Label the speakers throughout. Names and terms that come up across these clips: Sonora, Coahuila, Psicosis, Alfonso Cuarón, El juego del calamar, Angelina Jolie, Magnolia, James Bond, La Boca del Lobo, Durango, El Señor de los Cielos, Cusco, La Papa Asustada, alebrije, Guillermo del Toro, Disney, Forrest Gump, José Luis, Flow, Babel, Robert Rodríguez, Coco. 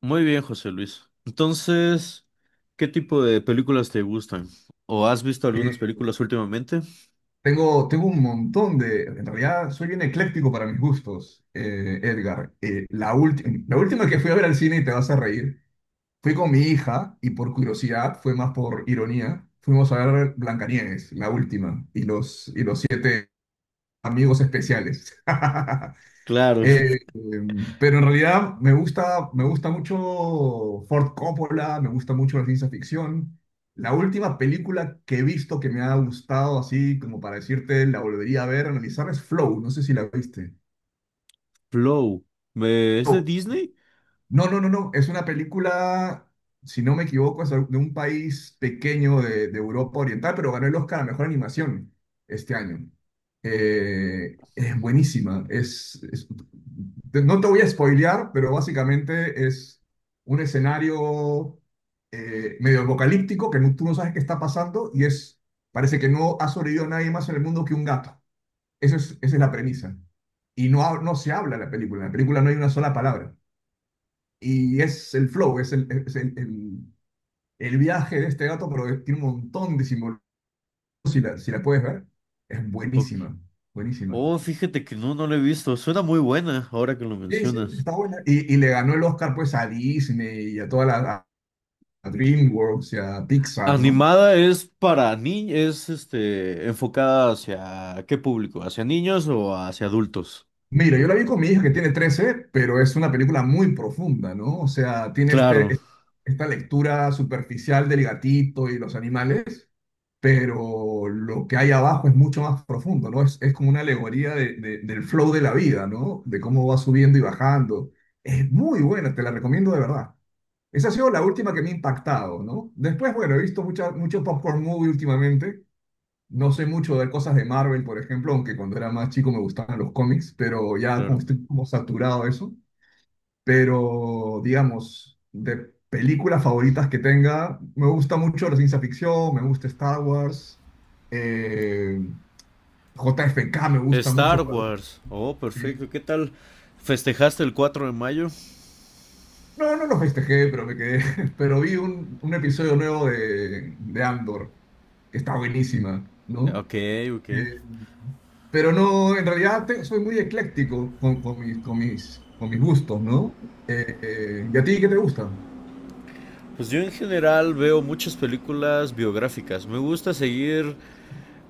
Speaker 1: Muy bien, José Luis. Entonces, ¿qué tipo de películas te gustan? ¿O has visto algunas
Speaker 2: Eh,
Speaker 1: películas últimamente?
Speaker 2: tengo un montón de... En realidad soy bien ecléctico para mis gustos, Edgar. La última que fui a ver al cine, y te vas a reír, fui con mi hija y por curiosidad, fue más por ironía, fuimos a ver Blancanieves, la última, y los siete amigos especiales.
Speaker 1: Claro,
Speaker 2: Pero en realidad me gusta mucho Ford Coppola, me gusta mucho la ciencia ficción. La última película que he visto que me ha gustado así, como para decirte, la volvería a ver, analizar, es Flow. No sé si la viste.
Speaker 1: Flow. ¿Es de
Speaker 2: Flow.
Speaker 1: Disney?
Speaker 2: No, no, no, no. Es una película, si no me equivoco, es de un país pequeño de Europa Oriental, pero ganó el Oscar a Mejor Animación este año. Es buenísima. Es, no te voy a spoilear, pero básicamente es un escenario medio apocalíptico que tú no sabes qué está pasando y es, parece que no ha sobrevivido nadie más en el mundo que un gato. Esa es la premisa. Y no, no se habla en la película. En la película no hay una sola palabra. Y es el flow, el viaje de este gato, pero tiene un montón de simbolismo. Si la puedes ver, es
Speaker 1: Ok.
Speaker 2: buenísima, buenísima.
Speaker 1: Oh, fíjate que no, no la he visto. Suena muy buena ahora que lo
Speaker 2: Sí, sí,
Speaker 1: mencionas.
Speaker 2: está buena. Y le ganó el Oscar pues a Disney y a toda la a DreamWorks y a Pixar, ¿no?
Speaker 1: Animada es para niños, enfocada hacia qué público, ¿hacia niños o hacia adultos?
Speaker 2: Mira, yo la vi con mi hija que tiene 13 pero es una película muy profunda, ¿no? O sea, tiene
Speaker 1: Claro,
Speaker 2: este, esta lectura superficial del gatito y los animales, pero lo que hay abajo es mucho más profundo, ¿no? Es como una alegoría del flow de la vida, ¿no? De cómo va subiendo y bajando. Es muy buena, te la recomiendo de verdad. Esa ha sido la última que me ha impactado, ¿no? Después, bueno, he visto mucho popcorn movie últimamente. No sé mucho de cosas de Marvel, por ejemplo, aunque cuando era más chico me gustaban los cómics, pero ya como
Speaker 1: claro.
Speaker 2: estoy como saturado de eso, pero digamos, de películas favoritas que tenga, me gusta mucho la ciencia ficción, me gusta Star Wars, eh, J F K. me gusta
Speaker 1: Star
Speaker 2: mucho,
Speaker 1: Wars. Oh,
Speaker 2: sí.
Speaker 1: perfecto. ¿Qué tal? ¿Festejaste el 4 de mayo?
Speaker 2: No, no lo festejé, pero me quedé, pero vi un episodio nuevo de Andor, que está buenísima, ¿no?
Speaker 1: Ok, ok.
Speaker 2: Eh, pero no, en realidad soy muy ecléctico con mis gustos, ¿no? ¿Y a ti qué te gusta?
Speaker 1: Pues yo en general veo muchas películas biográficas. Me gusta seguir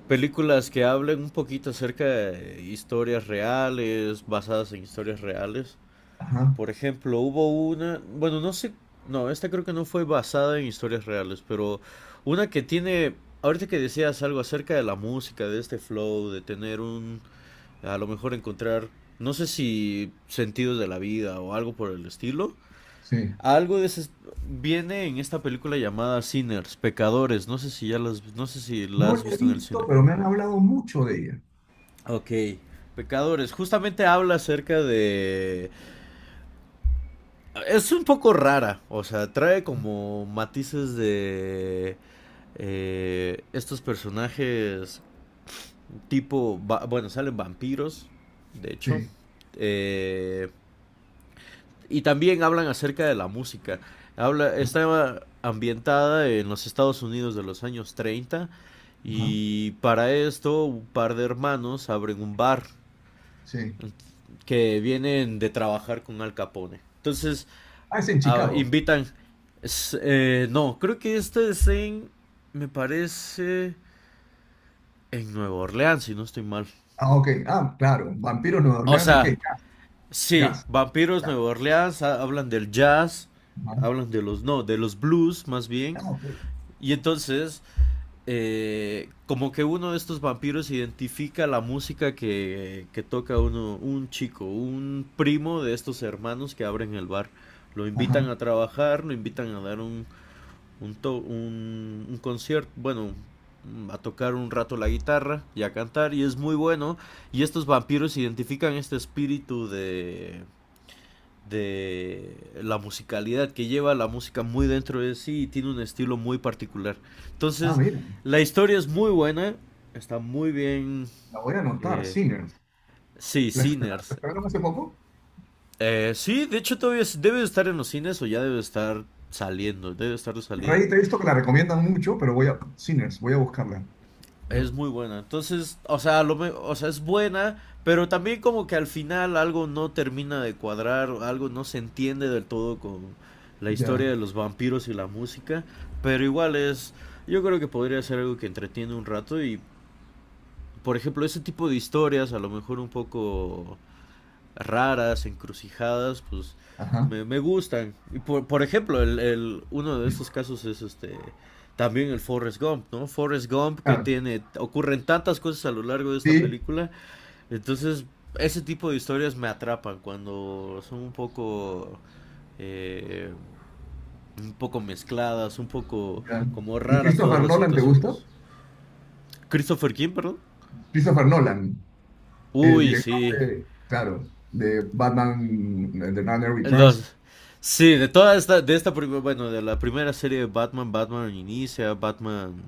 Speaker 1: películas que hablen un poquito acerca de historias reales, basadas en historias reales.
Speaker 2: Ajá,
Speaker 1: Por ejemplo, hubo una, bueno, no sé, no, esta creo que no fue basada en historias reales, pero una que tiene, ahorita que decías algo acerca de la música, de este flow, de tener un, a lo mejor encontrar, no sé si sentidos de la vida o algo por el estilo.
Speaker 2: sí.
Speaker 1: Algo de ese viene en esta película llamada Sinners, Pecadores. No sé si ya las, no sé si la
Speaker 2: No
Speaker 1: has
Speaker 2: la he
Speaker 1: visto en el cine.
Speaker 2: visto, pero me han hablado mucho de ella.
Speaker 1: Ok. Pecadores, justamente habla acerca de... Es un poco rara, o sea, trae como matices de estos personajes tipo... Bueno, salen vampiros, de hecho.
Speaker 2: Sí,
Speaker 1: Eh, Y también hablan acerca de la música. Habla,
Speaker 2: ajá,
Speaker 1: está ambientada en los Estados Unidos de los años 30
Speaker 2: ajá,
Speaker 1: y para esto un par de hermanos abren un bar
Speaker 2: sí.
Speaker 1: que vienen de trabajar con Al Capone. Entonces
Speaker 2: Ah, es en Chicago.
Speaker 1: invitan... no, creo que esto es en... Me parece... En Nueva Orleans, si no estoy mal.
Speaker 2: Ah, ok. Ah, claro. Vampiros Nueva
Speaker 1: O
Speaker 2: Orleans y que
Speaker 1: sea,
Speaker 2: jazz,
Speaker 1: sí,
Speaker 2: jazz,
Speaker 1: Vampiros
Speaker 2: jazz.
Speaker 1: Nueva Orleans, hablan del jazz,
Speaker 2: Ajá.
Speaker 1: hablan de los... No, de los blues más bien.
Speaker 2: Ah, ok.
Speaker 1: Y entonces, como que uno de estos vampiros identifica la música que toca uno, un chico, un primo de estos hermanos que abren el bar. Lo invitan
Speaker 2: Ajá.
Speaker 1: a trabajar, lo invitan a dar un concierto, bueno, a tocar un rato la guitarra y a cantar y es muy bueno y estos vampiros identifican este espíritu de la musicalidad que lleva la música muy dentro de sí y tiene un estilo muy particular.
Speaker 2: Ah,
Speaker 1: Entonces,
Speaker 2: mira.
Speaker 1: la historia es muy buena, está muy bien.
Speaker 2: La voy a anotar.
Speaker 1: eh,
Speaker 2: Sinners.
Speaker 1: sí,
Speaker 2: ¿La estrenaron la
Speaker 1: Sinners.
Speaker 2: estrenaron hace poco?
Speaker 1: Sí, de hecho todavía debe de estar en los cines o ya debe de estar saliendo, debe de estar de salida.
Speaker 2: Rey, te he visto que la recomiendan mucho, pero voy a... Sinners, voy a buscarla. Voy a-
Speaker 1: Es muy buena. Entonces, o sea, es buena, pero también como que al final algo no termina de cuadrar, algo no se entiende del todo con la
Speaker 2: Ya.
Speaker 1: historia de los vampiros y la música, pero igual es, yo creo que podría ser algo que entretiene un rato y, por ejemplo, ese tipo de historias, a lo mejor un poco raras, encrucijadas, pues
Speaker 2: Ajá.
Speaker 1: me gustan. Y por ejemplo, uno de estos casos es este también el Forrest Gump, ¿no? Forrest Gump que
Speaker 2: Claro.
Speaker 1: tiene, ocurren tantas cosas a lo largo de esta
Speaker 2: Sí.
Speaker 1: película, entonces ese tipo de historias me atrapan cuando son un poco... Eh, un poco mezcladas, un poco
Speaker 2: Ya.
Speaker 1: como
Speaker 2: ¿Y
Speaker 1: raras todas
Speaker 2: Christopher
Speaker 1: las
Speaker 2: Nolan te gusta?
Speaker 1: situaciones. Christopher King, perdón.
Speaker 2: Christopher Nolan. El
Speaker 1: Uy,
Speaker 2: director
Speaker 1: sí,
Speaker 2: de, claro, de Batman, de Dark Knight Returns,
Speaker 1: Los, Sí, de toda esta, de esta, prim- bueno, de la primera serie de Batman, Batman Inicia, Batman...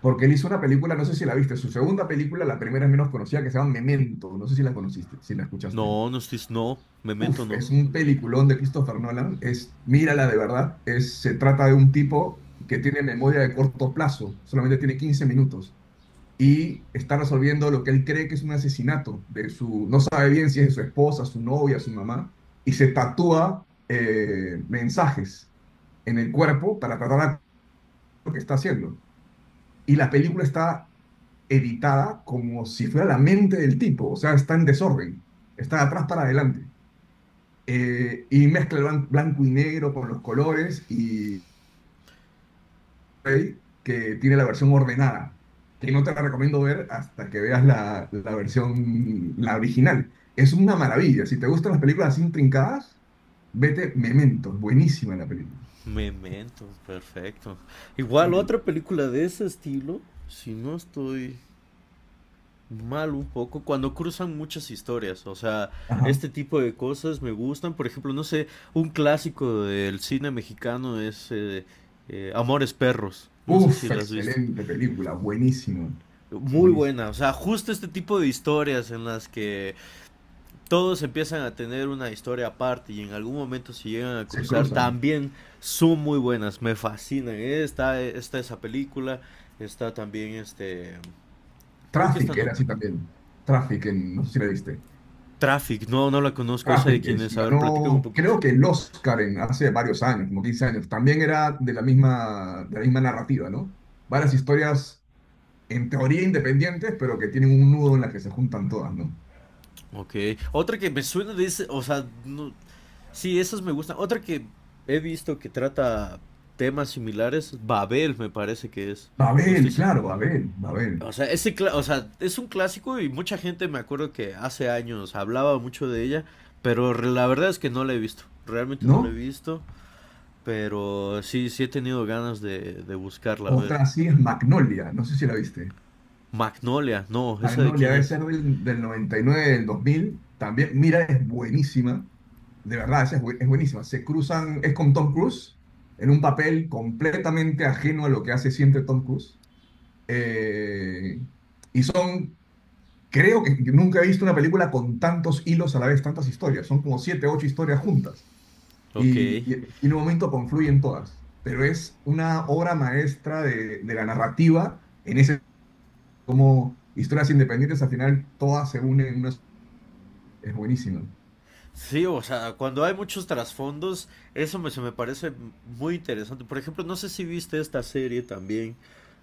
Speaker 2: porque él hizo una película, no sé si la viste, su segunda película, la primera es menos conocida, que se llama Memento, no sé si la conociste, si la escuchaste.
Speaker 1: No, no estoy, no, Memento
Speaker 2: Uf,
Speaker 1: no.
Speaker 2: es un peliculón de Christopher Nolan, es, mírala de verdad, es, se trata de un tipo que tiene memoria de corto plazo, solamente tiene 15 minutos, y está resolviendo lo que él cree que es un asesinato de su, no sabe bien si es de su esposa, su novia, su mamá, y se tatúa mensajes en el cuerpo para tratar lo que está haciendo. Y la película está editada como si fuera la mente del tipo, o sea, está en desorden, está de atrás para adelante. Y mezcla blanco y negro con los colores y blu que tiene la versión ordenada. Y no te la recomiendo ver hasta que veas la versión, la original. Es una maravilla. Si te gustan las películas así intrincadas, vete Memento. Buenísima la película.
Speaker 1: Memento, perfecto. Igual
Speaker 2: Memento.
Speaker 1: otra película de ese estilo, si no estoy mal un poco, cuando cruzan muchas historias, o sea,
Speaker 2: Ajá.
Speaker 1: este tipo de cosas me gustan, por ejemplo, no sé, un clásico del cine mexicano es Amores Perros, no sé si
Speaker 2: Uf,
Speaker 1: la has visto.
Speaker 2: excelente película. Buenísima.
Speaker 1: Muy
Speaker 2: Buenísima.
Speaker 1: buena, o sea, justo este tipo de historias en las que todos empiezan a tener una historia aparte y en algún momento se llegan a
Speaker 2: Se
Speaker 1: cruzar,
Speaker 2: cruzan.
Speaker 1: también son muy buenas, me fascinan. Está esa película, está también creo que esta
Speaker 2: Traffic
Speaker 1: no,
Speaker 2: era así también. Traffic, no sé si la viste.
Speaker 1: Traffic, no, no la conozco, esa de
Speaker 2: Rafik
Speaker 1: quién es, a ver, platícame un
Speaker 2: ganó,
Speaker 1: poquito.
Speaker 2: creo que el Oscar en, hace varios años, como 15 años. También era de la misma narrativa, ¿no? Varias historias en teoría independientes, pero que tienen un nudo en la que se juntan todas, ¿no?
Speaker 1: Ok, otra que me suena de ese, o sea, no, sí, esas me gustan. Otra que he visto que trata temas similares, Babel me parece que es, no
Speaker 2: Babel,
Speaker 1: estoy seguro.
Speaker 2: claro, Babel, Babel,
Speaker 1: O sea, ese o sea, es un clásico y mucha gente me acuerdo que hace años hablaba mucho de ella, pero la verdad es que no la he visto, realmente no la he
Speaker 2: ¿no?
Speaker 1: visto, pero sí, sí he tenido ganas de buscarla, a ver.
Speaker 2: Otra así es Magnolia, no sé si la viste.
Speaker 1: Magnolia, no, ¿esa de
Speaker 2: Magnolia
Speaker 1: quién
Speaker 2: debe
Speaker 1: es?
Speaker 2: ser del 99 del 2000. También, mira, es buenísima. De verdad, esa es, es buenísima. Se cruzan, es con Tom Cruise, en un papel completamente ajeno a lo que hace siempre Tom Cruise. Eh, y son, creo que nunca he visto una película con tantos hilos a la vez, tantas historias. Son como siete, ocho historias juntas.
Speaker 1: Ok.
Speaker 2: En un momento confluyen todas. Pero es una obra maestra de la narrativa en ese, como historias independientes, al final todas se unen en una. Es buenísimo.
Speaker 1: Sí, o sea, cuando hay muchos trasfondos, se me parece muy interesante. Por ejemplo, no sé si viste esta serie también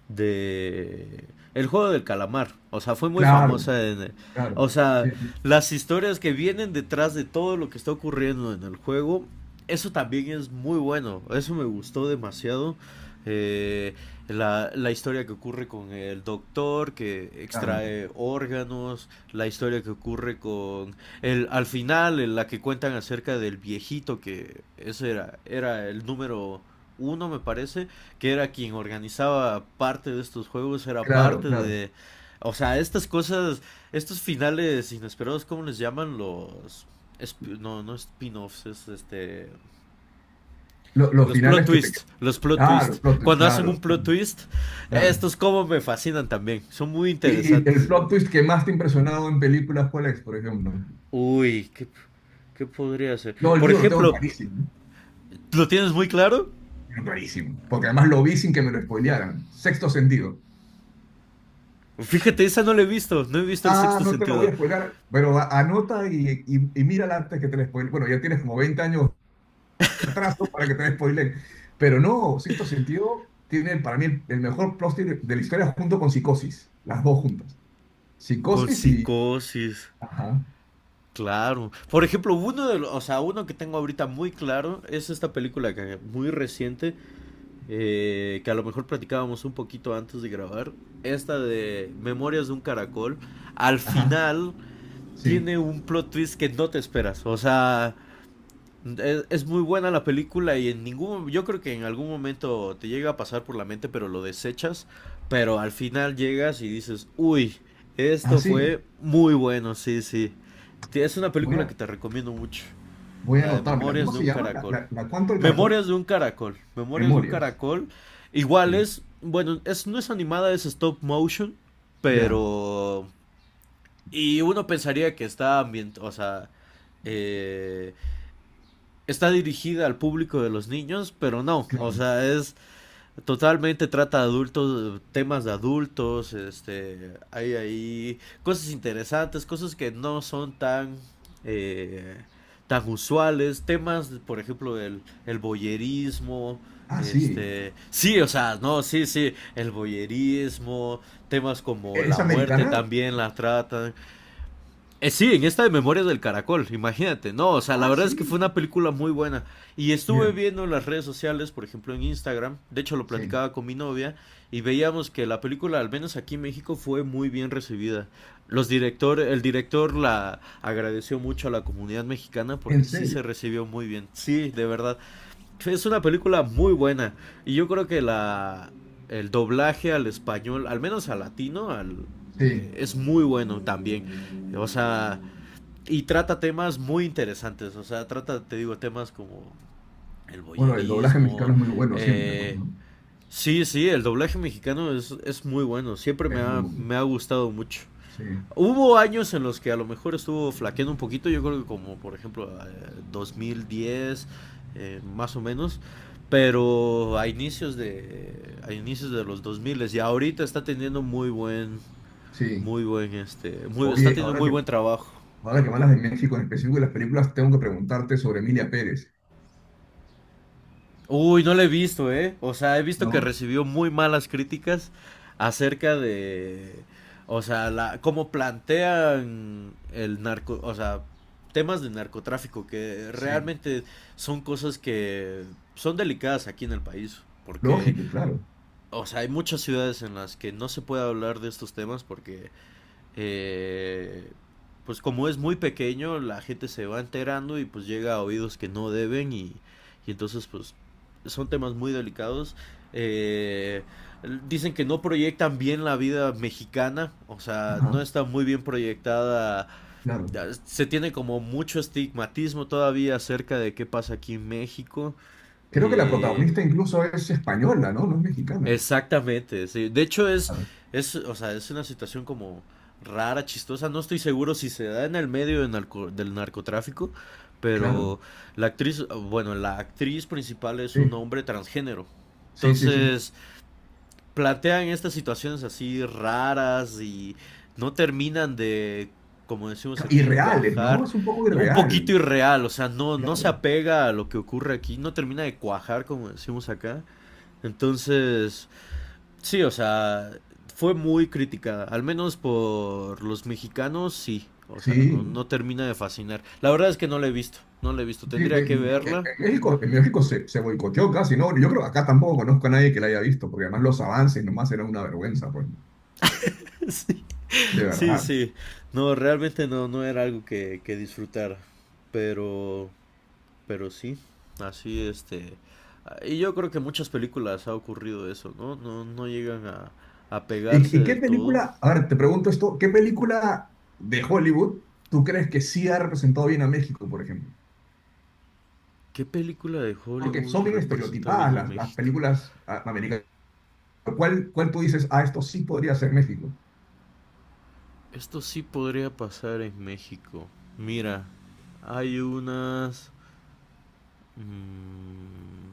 Speaker 1: de El juego del calamar. O sea, fue muy
Speaker 2: Claro,
Speaker 1: famosa en... O
Speaker 2: claro.
Speaker 1: sea,
Speaker 2: Sí, sí,
Speaker 1: las historias que vienen detrás de todo lo que está ocurriendo en el juego, eso también es muy bueno. Eso me gustó demasiado. Eh, la historia que ocurre con el doctor que
Speaker 2: claro.
Speaker 1: extrae órganos, la historia que ocurre al final, en la que cuentan acerca del viejito, que ese era el número uno, me parece, que era quien organizaba parte de estos juegos, era
Speaker 2: Claro,
Speaker 1: parte
Speaker 2: claro.
Speaker 1: de... O sea, estas cosas, estos finales inesperados, ¿cómo les llaman los... no, no spin-offs,
Speaker 2: Los
Speaker 1: los plot
Speaker 2: finales que te.
Speaker 1: twists, los plot
Speaker 2: Claro,
Speaker 1: twists. Cuando hacen un
Speaker 2: claro.
Speaker 1: plot twist,
Speaker 2: Claro.
Speaker 1: estos como me fascinan también, son muy
Speaker 2: Y, y el
Speaker 1: interesantes.
Speaker 2: plot twist que más te ha impresionado en películas, ¿cuál es, por ejemplo?
Speaker 1: Uy, ¿qué podría ser?
Speaker 2: No, el
Speaker 1: Por
Speaker 2: mío lo tengo
Speaker 1: ejemplo.
Speaker 2: clarísimo,
Speaker 1: ¿Lo tienes muy claro?
Speaker 2: lo clarísimo, porque además lo vi sin que me lo spoilearan. Sexto sentido.
Speaker 1: Fíjate, esa no la he visto. No he visto el
Speaker 2: Ah,
Speaker 1: sexto
Speaker 2: no te lo voy
Speaker 1: sentido.
Speaker 2: a spoilear, pero anota y mírala antes que te la spoile. Bueno, ya tienes como 20 años de atraso para que te la spoilen. Pero no, Sexto sentido tiene para mí el mejor plot twist de la historia junto con Psicosis, las dos juntas.
Speaker 1: Con
Speaker 2: Psicosis y...
Speaker 1: psicosis.
Speaker 2: Ajá,
Speaker 1: Claro. Por ejemplo, uno o sea, uno que tengo ahorita muy claro es esta película que muy reciente, que a lo mejor platicábamos un poquito antes de grabar, esta de Memorias de un Caracol. Al
Speaker 2: ajá,
Speaker 1: final
Speaker 2: sí.
Speaker 1: tiene un plot twist que no te esperas. O sea, Es muy buena la película y en ningún, yo creo que en algún momento te llega a pasar por la mente, pero lo desechas, pero al final llegas y dices, uy,
Speaker 2: Ah,
Speaker 1: esto
Speaker 2: sí,
Speaker 1: fue muy bueno, sí, sí. Es una
Speaker 2: voy
Speaker 1: película que
Speaker 2: a,
Speaker 1: te recomiendo mucho,
Speaker 2: voy a
Speaker 1: la de
Speaker 2: anotármela.
Speaker 1: Memorias
Speaker 2: ¿Cómo
Speaker 1: de
Speaker 2: se
Speaker 1: un
Speaker 2: llama? ¿La,
Speaker 1: Caracol.
Speaker 2: la, la cuánto del caracol?
Speaker 1: Memorias de un Caracol, Memorias de un
Speaker 2: Memorias,
Speaker 1: Caracol. Igual
Speaker 2: sí,
Speaker 1: es, bueno, es, no es animada, es stop motion,
Speaker 2: ya,
Speaker 1: pero... Y uno pensaría que está o sea, eh, está dirigida al público de los niños, pero no, o
Speaker 2: claro.
Speaker 1: sea, es totalmente trata adultos, temas de adultos, hay ahí cosas interesantes, cosas que no son tan eh, tan usuales, temas, por ejemplo, el, boyerismo,
Speaker 2: Ah, sí,
Speaker 1: sí, o sea, no, sí, sí, el boyerismo, temas como
Speaker 2: ¿es
Speaker 1: la muerte
Speaker 2: americana?
Speaker 1: también la tratan, sí, en esta de Memorias del Caracol, imagínate. No, o sea, la
Speaker 2: Ah,
Speaker 1: verdad es que fue
Speaker 2: sí,
Speaker 1: una película muy buena. Y estuve
Speaker 2: mira,
Speaker 1: viendo en las redes sociales, por ejemplo en Instagram, de hecho lo
Speaker 2: sí,
Speaker 1: platicaba con mi novia, y veíamos que la película, al menos aquí en México, fue muy bien recibida. El director la agradeció mucho a la comunidad mexicana
Speaker 2: en
Speaker 1: porque sí
Speaker 2: serio,
Speaker 1: se recibió muy bien. Sí, de verdad. Es una película muy buena. Y yo creo que la el doblaje al español, al menos al latino,
Speaker 2: sí.
Speaker 1: es muy bueno también. O sea, y trata temas muy interesantes. O sea, trata, te digo, temas como el
Speaker 2: Bueno, el doblaje
Speaker 1: boyerismo.
Speaker 2: mexicano es muy bueno siempre, pues,
Speaker 1: Eh,
Speaker 2: ¿no?
Speaker 1: sí, sí, el doblaje mexicano es muy bueno. Siempre me
Speaker 2: Es muy
Speaker 1: ha,
Speaker 2: bueno,
Speaker 1: me ha gustado mucho.
Speaker 2: sí,
Speaker 1: Hubo años en los que a lo mejor estuvo flaqueando un poquito, yo creo que como por ejemplo 2010, más o menos, pero a inicios de los 2000 y ahorita
Speaker 2: sí.
Speaker 1: están
Speaker 2: Oye,
Speaker 1: teniendo muy buen trabajo.
Speaker 2: ahora que hablas de México, en específico y las películas, tengo que preguntarte sobre Emilia Pérez,
Speaker 1: Uy, no la he visto, ¿eh? O sea, he visto que
Speaker 2: ¿no?
Speaker 1: recibió muy malas críticas acerca de, o sea, cómo plantean el narco, o sea, temas de narcotráfico, que
Speaker 2: Sí,
Speaker 1: realmente son cosas que son delicadas aquí en el país, porque,
Speaker 2: lógico, claro,
Speaker 1: o sea, hay muchas ciudades en las que no se puede hablar de estos temas porque eh, pues como es muy pequeño, la gente se va enterando y pues llega a oídos que no deben y entonces pues son temas muy delicados. Eh, dicen que no proyectan bien la vida mexicana, o sea, no
Speaker 2: ajá,
Speaker 1: está muy bien proyectada.
Speaker 2: claro.
Speaker 1: Se tiene como mucho estigmatismo todavía acerca de qué pasa aquí en México.
Speaker 2: Creo que la
Speaker 1: Eh,
Speaker 2: protagonista incluso es española, ¿no? No es mexicana.
Speaker 1: Exactamente, sí. De hecho es,
Speaker 2: Claro,
Speaker 1: es, o sea, es una situación como rara, chistosa. No estoy seguro si se da en el medio de del narcotráfico,
Speaker 2: claro,
Speaker 1: pero la actriz, bueno, la actriz principal es un
Speaker 2: sí,
Speaker 1: hombre transgénero.
Speaker 2: sí, sí, sí.
Speaker 1: Entonces, plantean estas situaciones así raras y no terminan de, como decimos aquí,
Speaker 2: Irreales, ¿no?
Speaker 1: cuajar.
Speaker 2: Es un poco
Speaker 1: Un poquito
Speaker 2: irreal,
Speaker 1: irreal, o sea, no, no se
Speaker 2: claro.
Speaker 1: apega a lo que ocurre aquí, no termina de cuajar, como decimos acá. Entonces, sí, o sea, fue muy criticada, al menos por los mexicanos, sí. O sea, no,
Speaker 2: Sí,
Speaker 1: no termina de fascinar. La verdad es que no la he visto, no la he visto.
Speaker 2: sí,
Speaker 1: Tendría que verla.
Speaker 2: en México se, se boicoteó casi, ¿no? Yo creo que acá tampoco conozco a nadie que la haya visto, porque además los avances nomás eran una vergüenza, pues,
Speaker 1: Sí,
Speaker 2: de
Speaker 1: sí,
Speaker 2: verdad.
Speaker 1: sí. No, realmente no, no era algo que disfrutar. Pero, pero sí, así. Y yo creo que en muchas películas ha ocurrido eso, ¿no? No, no llegan a pegarse
Speaker 2: Y qué
Speaker 1: del todo.
Speaker 2: película, a ver, te pregunto esto, ¿qué película de Hollywood tú crees que sí ha representado bien a México, por ejemplo?
Speaker 1: ¿Qué película de
Speaker 2: Porque
Speaker 1: Hollywood
Speaker 2: son bien
Speaker 1: representa bien
Speaker 2: estereotipadas
Speaker 1: a
Speaker 2: las
Speaker 1: México?
Speaker 2: películas ah, americanas. ¿Cuál, cuál tú dices, ah, esto sí podría ser México?
Speaker 1: Esto sí podría pasar en México. Mira, hay unas. mm,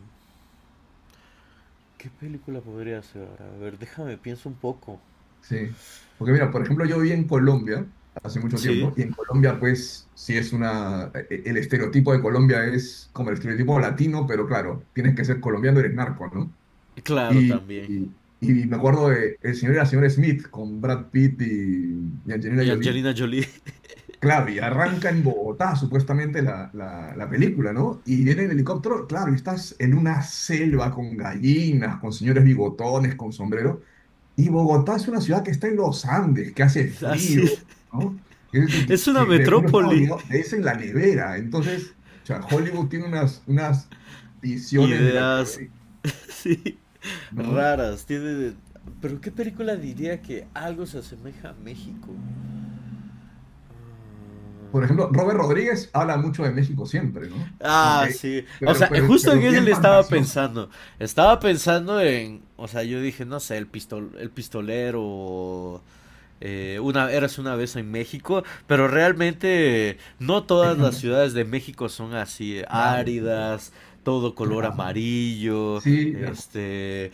Speaker 1: ¿Qué película podría ser? A ver, déjame, pienso un poco.
Speaker 2: Sí, porque mira, por ejemplo, yo viví en Colombia hace mucho
Speaker 1: Sí,
Speaker 2: tiempo y en Colombia pues sí es una, el estereotipo de Colombia es como el estereotipo latino, pero claro, tienes que ser colombiano, eres narco, ¿no?
Speaker 1: claro, también.
Speaker 2: Y me acuerdo de el señor y la señora Smith con Brad Pitt y
Speaker 1: Y
Speaker 2: Angelina Jolie.
Speaker 1: Angelina Jolie.
Speaker 2: Claro, y arranca en Bogotá supuestamente la película, ¿no? Y viene en helicóptero, claro, y estás en una selva con gallinas, con señores bigotones, con sombreros. Y Bogotá es una ciudad que está en los Andes, que hace
Speaker 1: Así,
Speaker 2: frío, ¿no? Es que,
Speaker 1: es una
Speaker 2: uno está
Speaker 1: metrópoli.
Speaker 2: abrigado, es en la nevera. Entonces, o sea, Hollywood tiene unas, unas visiones de
Speaker 1: Ideas,
Speaker 2: Latinoamérica,
Speaker 1: sí,
Speaker 2: ¿no?
Speaker 1: raras. Tiene. Pero ¿qué película diría que algo se asemeja a México?
Speaker 2: Por ejemplo,
Speaker 1: Mm,
Speaker 2: Robert Rodríguez habla mucho de México siempre, ¿no?
Speaker 1: Ah,
Speaker 2: Aunque,
Speaker 1: sí. O
Speaker 2: pero,
Speaker 1: sea,
Speaker 2: pero,
Speaker 1: justo en
Speaker 2: pero
Speaker 1: ese
Speaker 2: bien
Speaker 1: le estaba
Speaker 2: fantasioso.
Speaker 1: pensando. Estaba pensando en. O sea, yo dije, no sé, el pistolero. Eras una vez en México. Pero realmente no
Speaker 2: Es
Speaker 1: todas las
Speaker 2: fantasioso.
Speaker 1: ciudades de México son así
Speaker 2: Claro, claro,
Speaker 1: áridas. Todo color
Speaker 2: claro.
Speaker 1: amarillo.
Speaker 2: Sí,
Speaker 1: Este.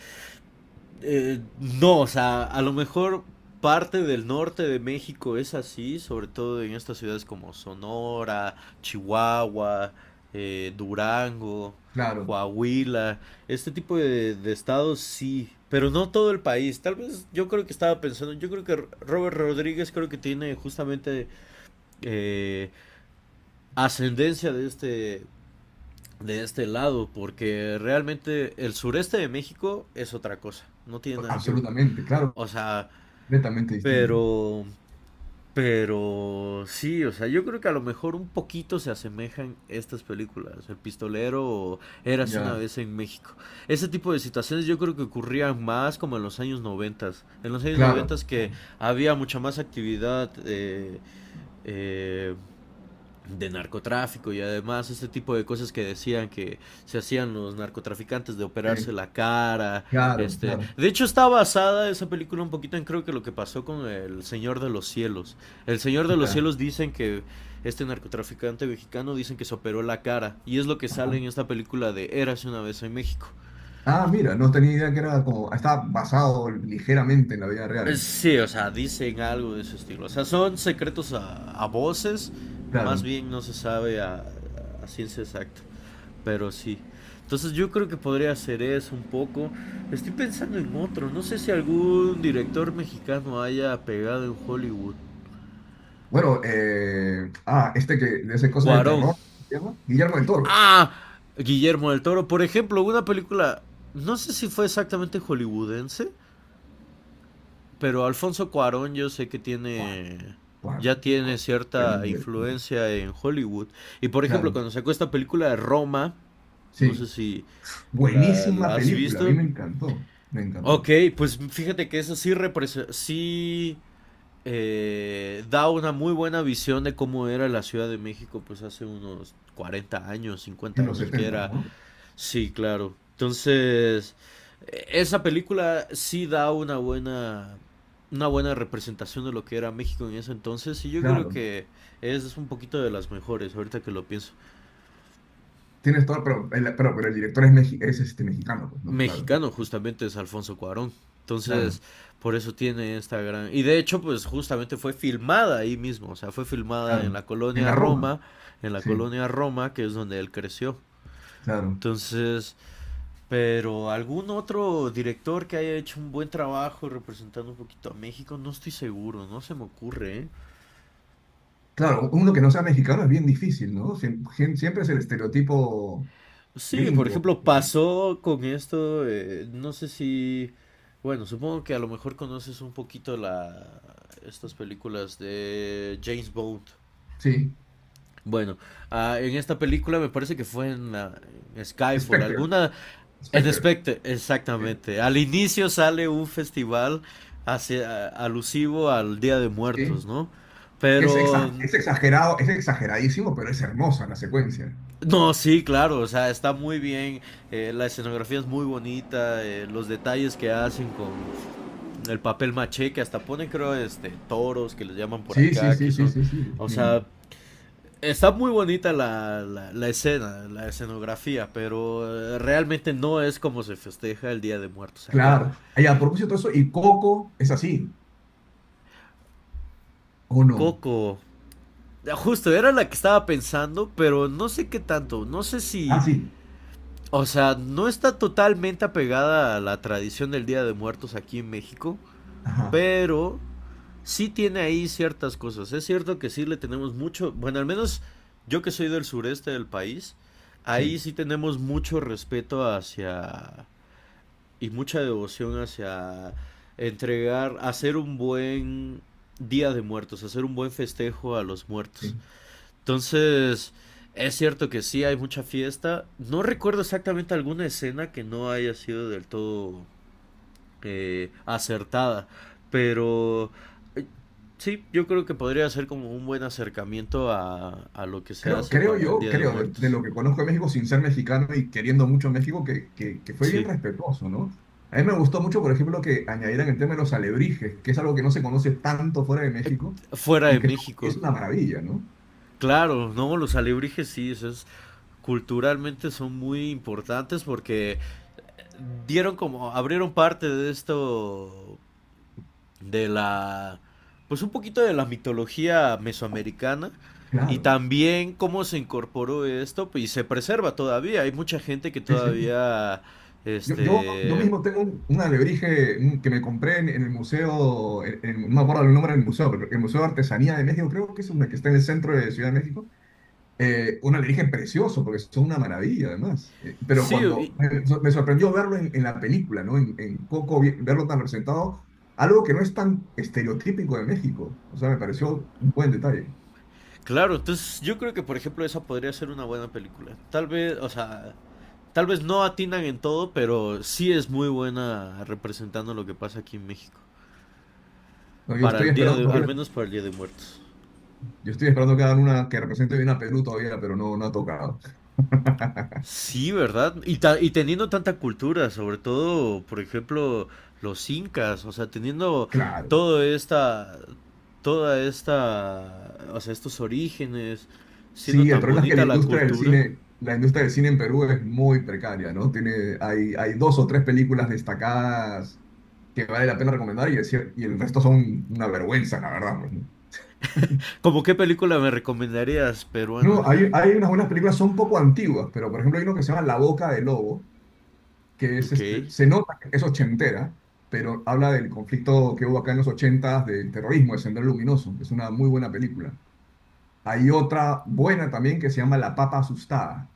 Speaker 1: No, o sea, a lo mejor parte del norte de México es así, sobre todo en estas ciudades como Sonora, Chihuahua, Durango,
Speaker 2: claro,
Speaker 1: Coahuila, este tipo de estados sí, pero no todo el país. Tal vez yo creo que estaba pensando, yo creo que Robert Rodríguez creo que tiene justamente eh, ascendencia de este lado, porque realmente el sureste de México es otra cosa, no tiene nada que ver.
Speaker 2: absolutamente, claro,
Speaker 1: O sea,
Speaker 2: completamente distinto.
Speaker 1: pero, pero sí, o sea, yo creo que a lo mejor un poquito se asemejan estas películas, El Pistolero o Eras una
Speaker 2: Ya,
Speaker 1: vez en México. Ese tipo de situaciones yo creo que ocurrían más como en los años noventas. En los años
Speaker 2: claro,
Speaker 1: noventas que había mucha más actividad eh, de narcotráfico y además este tipo de cosas que decían que se hacían los narcotraficantes de operarse
Speaker 2: sí,
Speaker 1: la cara,
Speaker 2: claro,
Speaker 1: este,
Speaker 2: claro.
Speaker 1: de hecho está basada esa película un poquito en creo que lo que pasó con El Señor de los Cielos. El Señor de los
Speaker 2: Ya,
Speaker 1: Cielos dicen que este narcotraficante mexicano dicen que se operó la cara y es lo que sale en
Speaker 2: ajá.
Speaker 1: esta película de Érase una vez en México.
Speaker 2: Ah, mira, no tenía idea que era como, está basado ligeramente en la vida real.
Speaker 1: Sí, o sea, dicen algo de ese estilo. O sea, son secretos a voces, más
Speaker 2: Claro.
Speaker 1: bien no se sabe a ciencia exacta. Pero sí. Entonces yo creo que podría hacer eso un poco. Estoy pensando en otro. No sé si algún director mexicano haya pegado en Hollywood.
Speaker 2: Bueno, este que le hace cosas de
Speaker 1: Cuarón.
Speaker 2: terror, ¿se llama? Guillermo del Toro.
Speaker 1: Ah, Guillermo del Toro. Por ejemplo, una película, no sé si fue exactamente hollywoodense, pero Alfonso Cuarón yo sé que
Speaker 2: Claro,
Speaker 1: tiene,
Speaker 2: claro,
Speaker 1: ya tiene
Speaker 2: claro.
Speaker 1: cierta
Speaker 2: Tremendo director.
Speaker 1: influencia en Hollywood. Y por ejemplo,
Speaker 2: Claro,
Speaker 1: cuando sacó esta película de Roma, no sé
Speaker 2: sí.
Speaker 1: si la,
Speaker 2: Buenísima
Speaker 1: la has
Speaker 2: película, a mí
Speaker 1: visto.
Speaker 2: me encantó, me encantó.
Speaker 1: Ok, pues fíjate que eso sí, sí da una muy buena visión de cómo era la Ciudad de México pues hace unos 40 años, 50
Speaker 2: En los
Speaker 1: años que
Speaker 2: 70,
Speaker 1: era.
Speaker 2: ¿no?
Speaker 1: Sí, claro. Entonces, esa película sí da una buena representación de lo que era México en ese entonces y yo creo
Speaker 2: Claro.
Speaker 1: que es un poquito de las mejores ahorita que lo pienso.
Speaker 2: Tienes todo, pero el, pero el director es, es este, mexicano, pues, ¿no? Claro,
Speaker 1: Mexicano justamente es Alfonso Cuarón.
Speaker 2: claro,
Speaker 1: Entonces, por eso tiene esta gran. Y de hecho, pues justamente fue filmada ahí mismo, o sea, fue filmada en
Speaker 2: claro.
Speaker 1: la
Speaker 2: En
Speaker 1: colonia
Speaker 2: la Roma,
Speaker 1: Roma, en la
Speaker 2: sí,
Speaker 1: colonia Roma, que es donde él creció.
Speaker 2: claro.
Speaker 1: Entonces, pero algún otro director que haya hecho un buen trabajo representando un poquito a México, no estoy seguro, no se me ocurre, ¿eh?
Speaker 2: Claro, uno que no sea mexicano es bien difícil, ¿no? Siempre, es el estereotipo
Speaker 1: Sí, por
Speaker 2: gringo,
Speaker 1: ejemplo,
Speaker 2: ¿no?
Speaker 1: pasó con esto, no sé si, bueno, supongo que a lo mejor conoces un poquito estas películas de James Bond.
Speaker 2: Sí,
Speaker 1: Bueno, en esta película me parece que fue en Skyfall,
Speaker 2: Spectre,
Speaker 1: alguna, en
Speaker 2: Spectre,
Speaker 1: Spectre,
Speaker 2: eh,
Speaker 1: exactamente. Al inicio sale un festival alusivo al Día de Muertos,
Speaker 2: sí,
Speaker 1: ¿no?
Speaker 2: que es,
Speaker 1: Pero
Speaker 2: es exagerado, es exageradísimo, pero es hermosa la secuencia.
Speaker 1: no, sí, claro, o sea, está muy bien, la escenografía es muy bonita, los detalles que hacen con el papel maché, que hasta ponen, creo, este, toros, que les llaman por
Speaker 2: Sí, sí,
Speaker 1: acá,
Speaker 2: sí,
Speaker 1: que
Speaker 2: sí,
Speaker 1: son,
Speaker 2: sí, sí,
Speaker 1: o sea,
Speaker 2: Ni-
Speaker 1: está muy bonita la escena, la escenografía, pero realmente no es como se festeja el Día de Muertos acá.
Speaker 2: claro. Ay, a propósito de eso, ¿y Coco es así o no?
Speaker 1: Coco, justo, era la que estaba pensando, pero no sé qué tanto, no sé
Speaker 2: Ah,
Speaker 1: si.
Speaker 2: sí,
Speaker 1: O sea, no está totalmente apegada a la tradición del Día de Muertos aquí en México,
Speaker 2: ajá,
Speaker 1: pero sí tiene ahí ciertas cosas. Es cierto que sí le tenemos mucho, bueno, al menos yo que soy del sureste del país, ahí
Speaker 2: sí,
Speaker 1: sí tenemos mucho respeto hacia y mucha devoción hacia entregar, hacer un buen día de muertos, hacer un buen festejo a los muertos.
Speaker 2: sí.
Speaker 1: Entonces, es cierto que sí hay mucha fiesta. No recuerdo exactamente alguna escena que no haya sido del todo acertada. Pero eh, sí, yo creo que podría ser como un buen acercamiento a lo que se
Speaker 2: Creo,
Speaker 1: hace
Speaker 2: creo
Speaker 1: para el
Speaker 2: yo,
Speaker 1: Día de
Speaker 2: creo, de
Speaker 1: Muertos.
Speaker 2: lo que conozco de México sin ser mexicano y queriendo mucho México, que fue bien
Speaker 1: Sí,
Speaker 2: respetuoso, ¿no? A mí me gustó mucho, por ejemplo, que añadieran el tema de los alebrijes, que es algo que no se conoce tanto fuera de México
Speaker 1: fuera
Speaker 2: y
Speaker 1: de
Speaker 2: que
Speaker 1: México.
Speaker 2: es una maravilla, ¿no?
Speaker 1: Claro, no, los alebrijes sí, eso es, culturalmente son muy importantes porque dieron como, abrieron parte de esto de la, pues un poquito de la mitología mesoamericana y
Speaker 2: Claro,
Speaker 1: también cómo se incorporó esto pues, y se preserva todavía. Hay mucha gente que
Speaker 2: sí, sí.
Speaker 1: todavía,
Speaker 2: Yo
Speaker 1: este,
Speaker 2: mismo tengo un alebrije que me compré en el museo, no me acuerdo el nombre del museo, pero el Museo de Artesanía de México, creo que es una que está en el centro de Ciudad de México. Un alienígena precioso, porque son una maravilla además. Pero
Speaker 1: sí,
Speaker 2: cuando me sorprendió verlo en la película, ¿no? En Coco, verlo tan representado, algo que no es tan estereotípico de México. O sea, me pareció un buen detalle.
Speaker 1: claro, entonces yo creo que por ejemplo esa podría ser una buena película. Tal vez, o sea, tal vez no atinan en todo, pero sí es muy buena representando lo que pasa aquí en México.
Speaker 2: No, yo
Speaker 1: Para
Speaker 2: estoy
Speaker 1: el día
Speaker 2: esperando
Speaker 1: de, al
Speaker 2: todavía,
Speaker 1: menos para el Día de Muertos.
Speaker 2: yo estoy esperando que hagan una que represente bien a Perú todavía, pero no, no ha tocado.
Speaker 1: Sí, ¿verdad? Y, y teniendo tanta cultura, sobre todo, por ejemplo, los incas, o sea, teniendo
Speaker 2: Claro.
Speaker 1: todo esta, toda esta, o sea, estos orígenes, siendo
Speaker 2: Sí, el
Speaker 1: tan
Speaker 2: problema es que la
Speaker 1: bonita la
Speaker 2: industria del
Speaker 1: cultura.
Speaker 2: cine, la industria del cine en Perú es muy precaria, ¿no? Tiene, hay dos o tres películas destacadas que vale la pena recomendar y y el resto son una vergüenza, la verdad, pues, ¿no?
Speaker 1: ¿Cómo qué película me recomendarías, peruana?
Speaker 2: No, hay unas buenas películas, son un poco antiguas, pero por ejemplo hay uno que se llama La Boca del Lobo, que es
Speaker 1: Ok.
Speaker 2: este, se nota que es ochentera, pero habla del conflicto que hubo acá en los ochentas, del terrorismo, de Sendero Luminoso. Es una muy buena película. Hay otra buena también que se llama La Papa Asustada,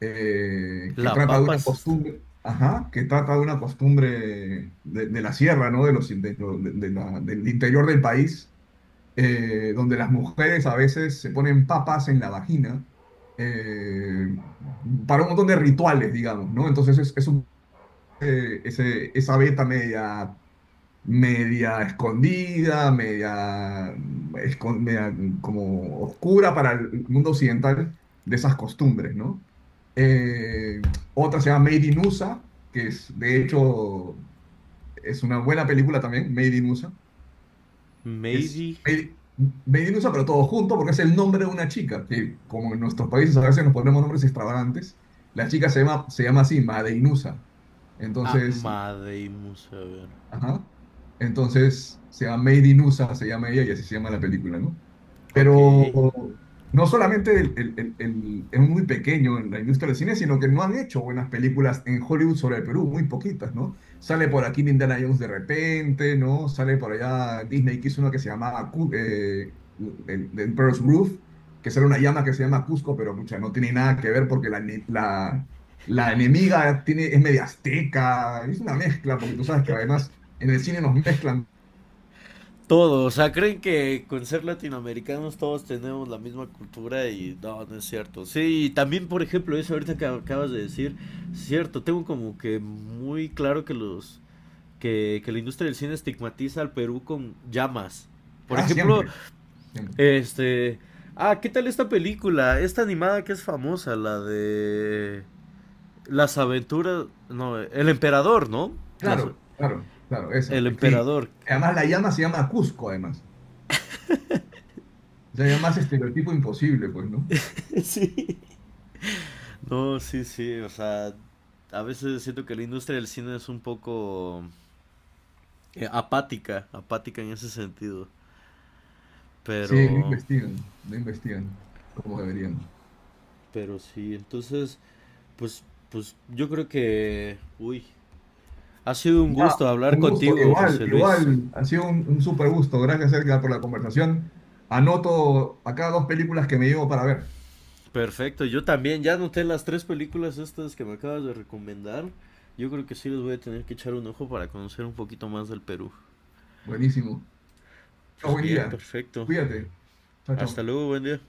Speaker 2: que
Speaker 1: La
Speaker 2: trata de
Speaker 1: Papa
Speaker 2: una costumbre, ajá, que trata de una costumbre de la sierra, ¿no? De los, del interior del país, donde las mujeres a veces se ponen papas en la vagina, eh, para un montón de rituales, digamos, ¿no? Entonces esa beta media, media escondida, media, media, como oscura para el mundo occidental, de esas costumbres, ¿no? Otra se llama Made in USA, que es, de hecho, es una buena película también, Made in USA, que es
Speaker 1: Maydi
Speaker 2: Made, Made in USA, pero todo junto, porque es el nombre de una chica, que como en nuestros países a veces nos ponemos nombres extravagantes, la chica se llama así, Made in USA. Entonces,
Speaker 1: Amadeimus, a ver.
Speaker 2: ajá. Entonces, se llama Made in USA, se llama ella y así se llama la película, ¿no?
Speaker 1: Ok.
Speaker 2: Pero no solamente es muy pequeño en la industria del cine, sino que no han hecho buenas películas en Hollywood sobre el Perú, muy poquitas, ¿no? Sale por aquí Indiana Jones de repente, ¿no? Sale por allá Disney, que hizo una que se llamaba el Pearl's Groove, que sale una llama que se llama Cusco, pero mucha, no tiene nada que ver porque la enemiga tiene, es media azteca, es una mezcla, porque tú sabes que además en el cine nos mezclan.
Speaker 1: Todo, o sea, creen que con ser latinoamericanos todos tenemos la misma cultura y no, no es cierto. Sí, y también, por ejemplo, eso ahorita que acabas de decir, cierto, tengo como que muy claro que los que la industria del cine estigmatiza al Perú con llamas. Por
Speaker 2: Ah,
Speaker 1: ejemplo,
Speaker 2: siempre, siempre.
Speaker 1: este, ¿qué tal esta película? Esta animada que es famosa, la de Las aventuras, no, El emperador, ¿no? Las-
Speaker 2: Claro, claro, claro, esa.
Speaker 1: el
Speaker 2: Sí.
Speaker 1: emperador.
Speaker 2: Además, la llama se llama Cusco, además. O sea, más estereotipo imposible, pues, ¿no?
Speaker 1: Sí. No, sí, sí, o sea, a veces siento que la industria del cine es un poco apática, apática en ese sentido,
Speaker 2: Sí, no
Speaker 1: pero,
Speaker 2: investigan, no investigan como deberían.
Speaker 1: pero sí, entonces, pues, pues yo creo que, uy, ha sido un
Speaker 2: Nada,
Speaker 1: gusto hablar
Speaker 2: un gusto.
Speaker 1: contigo,
Speaker 2: Igual,
Speaker 1: José Luis.
Speaker 2: igual, ha sido un súper gusto. Gracias, Edgar, por la conversación. Anoto acá dos películas que me llevo para ver.
Speaker 1: Perfecto, yo también ya noté las tres películas estas que me acabas de recomendar. Yo creo que sí les voy a tener que echar un ojo para conocer un poquito más del Perú.
Speaker 2: Buenísimo.
Speaker 1: Pues
Speaker 2: Buen
Speaker 1: bien,
Speaker 2: día.
Speaker 1: perfecto.
Speaker 2: Cuídate. Chao,
Speaker 1: Hasta
Speaker 2: chao.
Speaker 1: luego, buen día.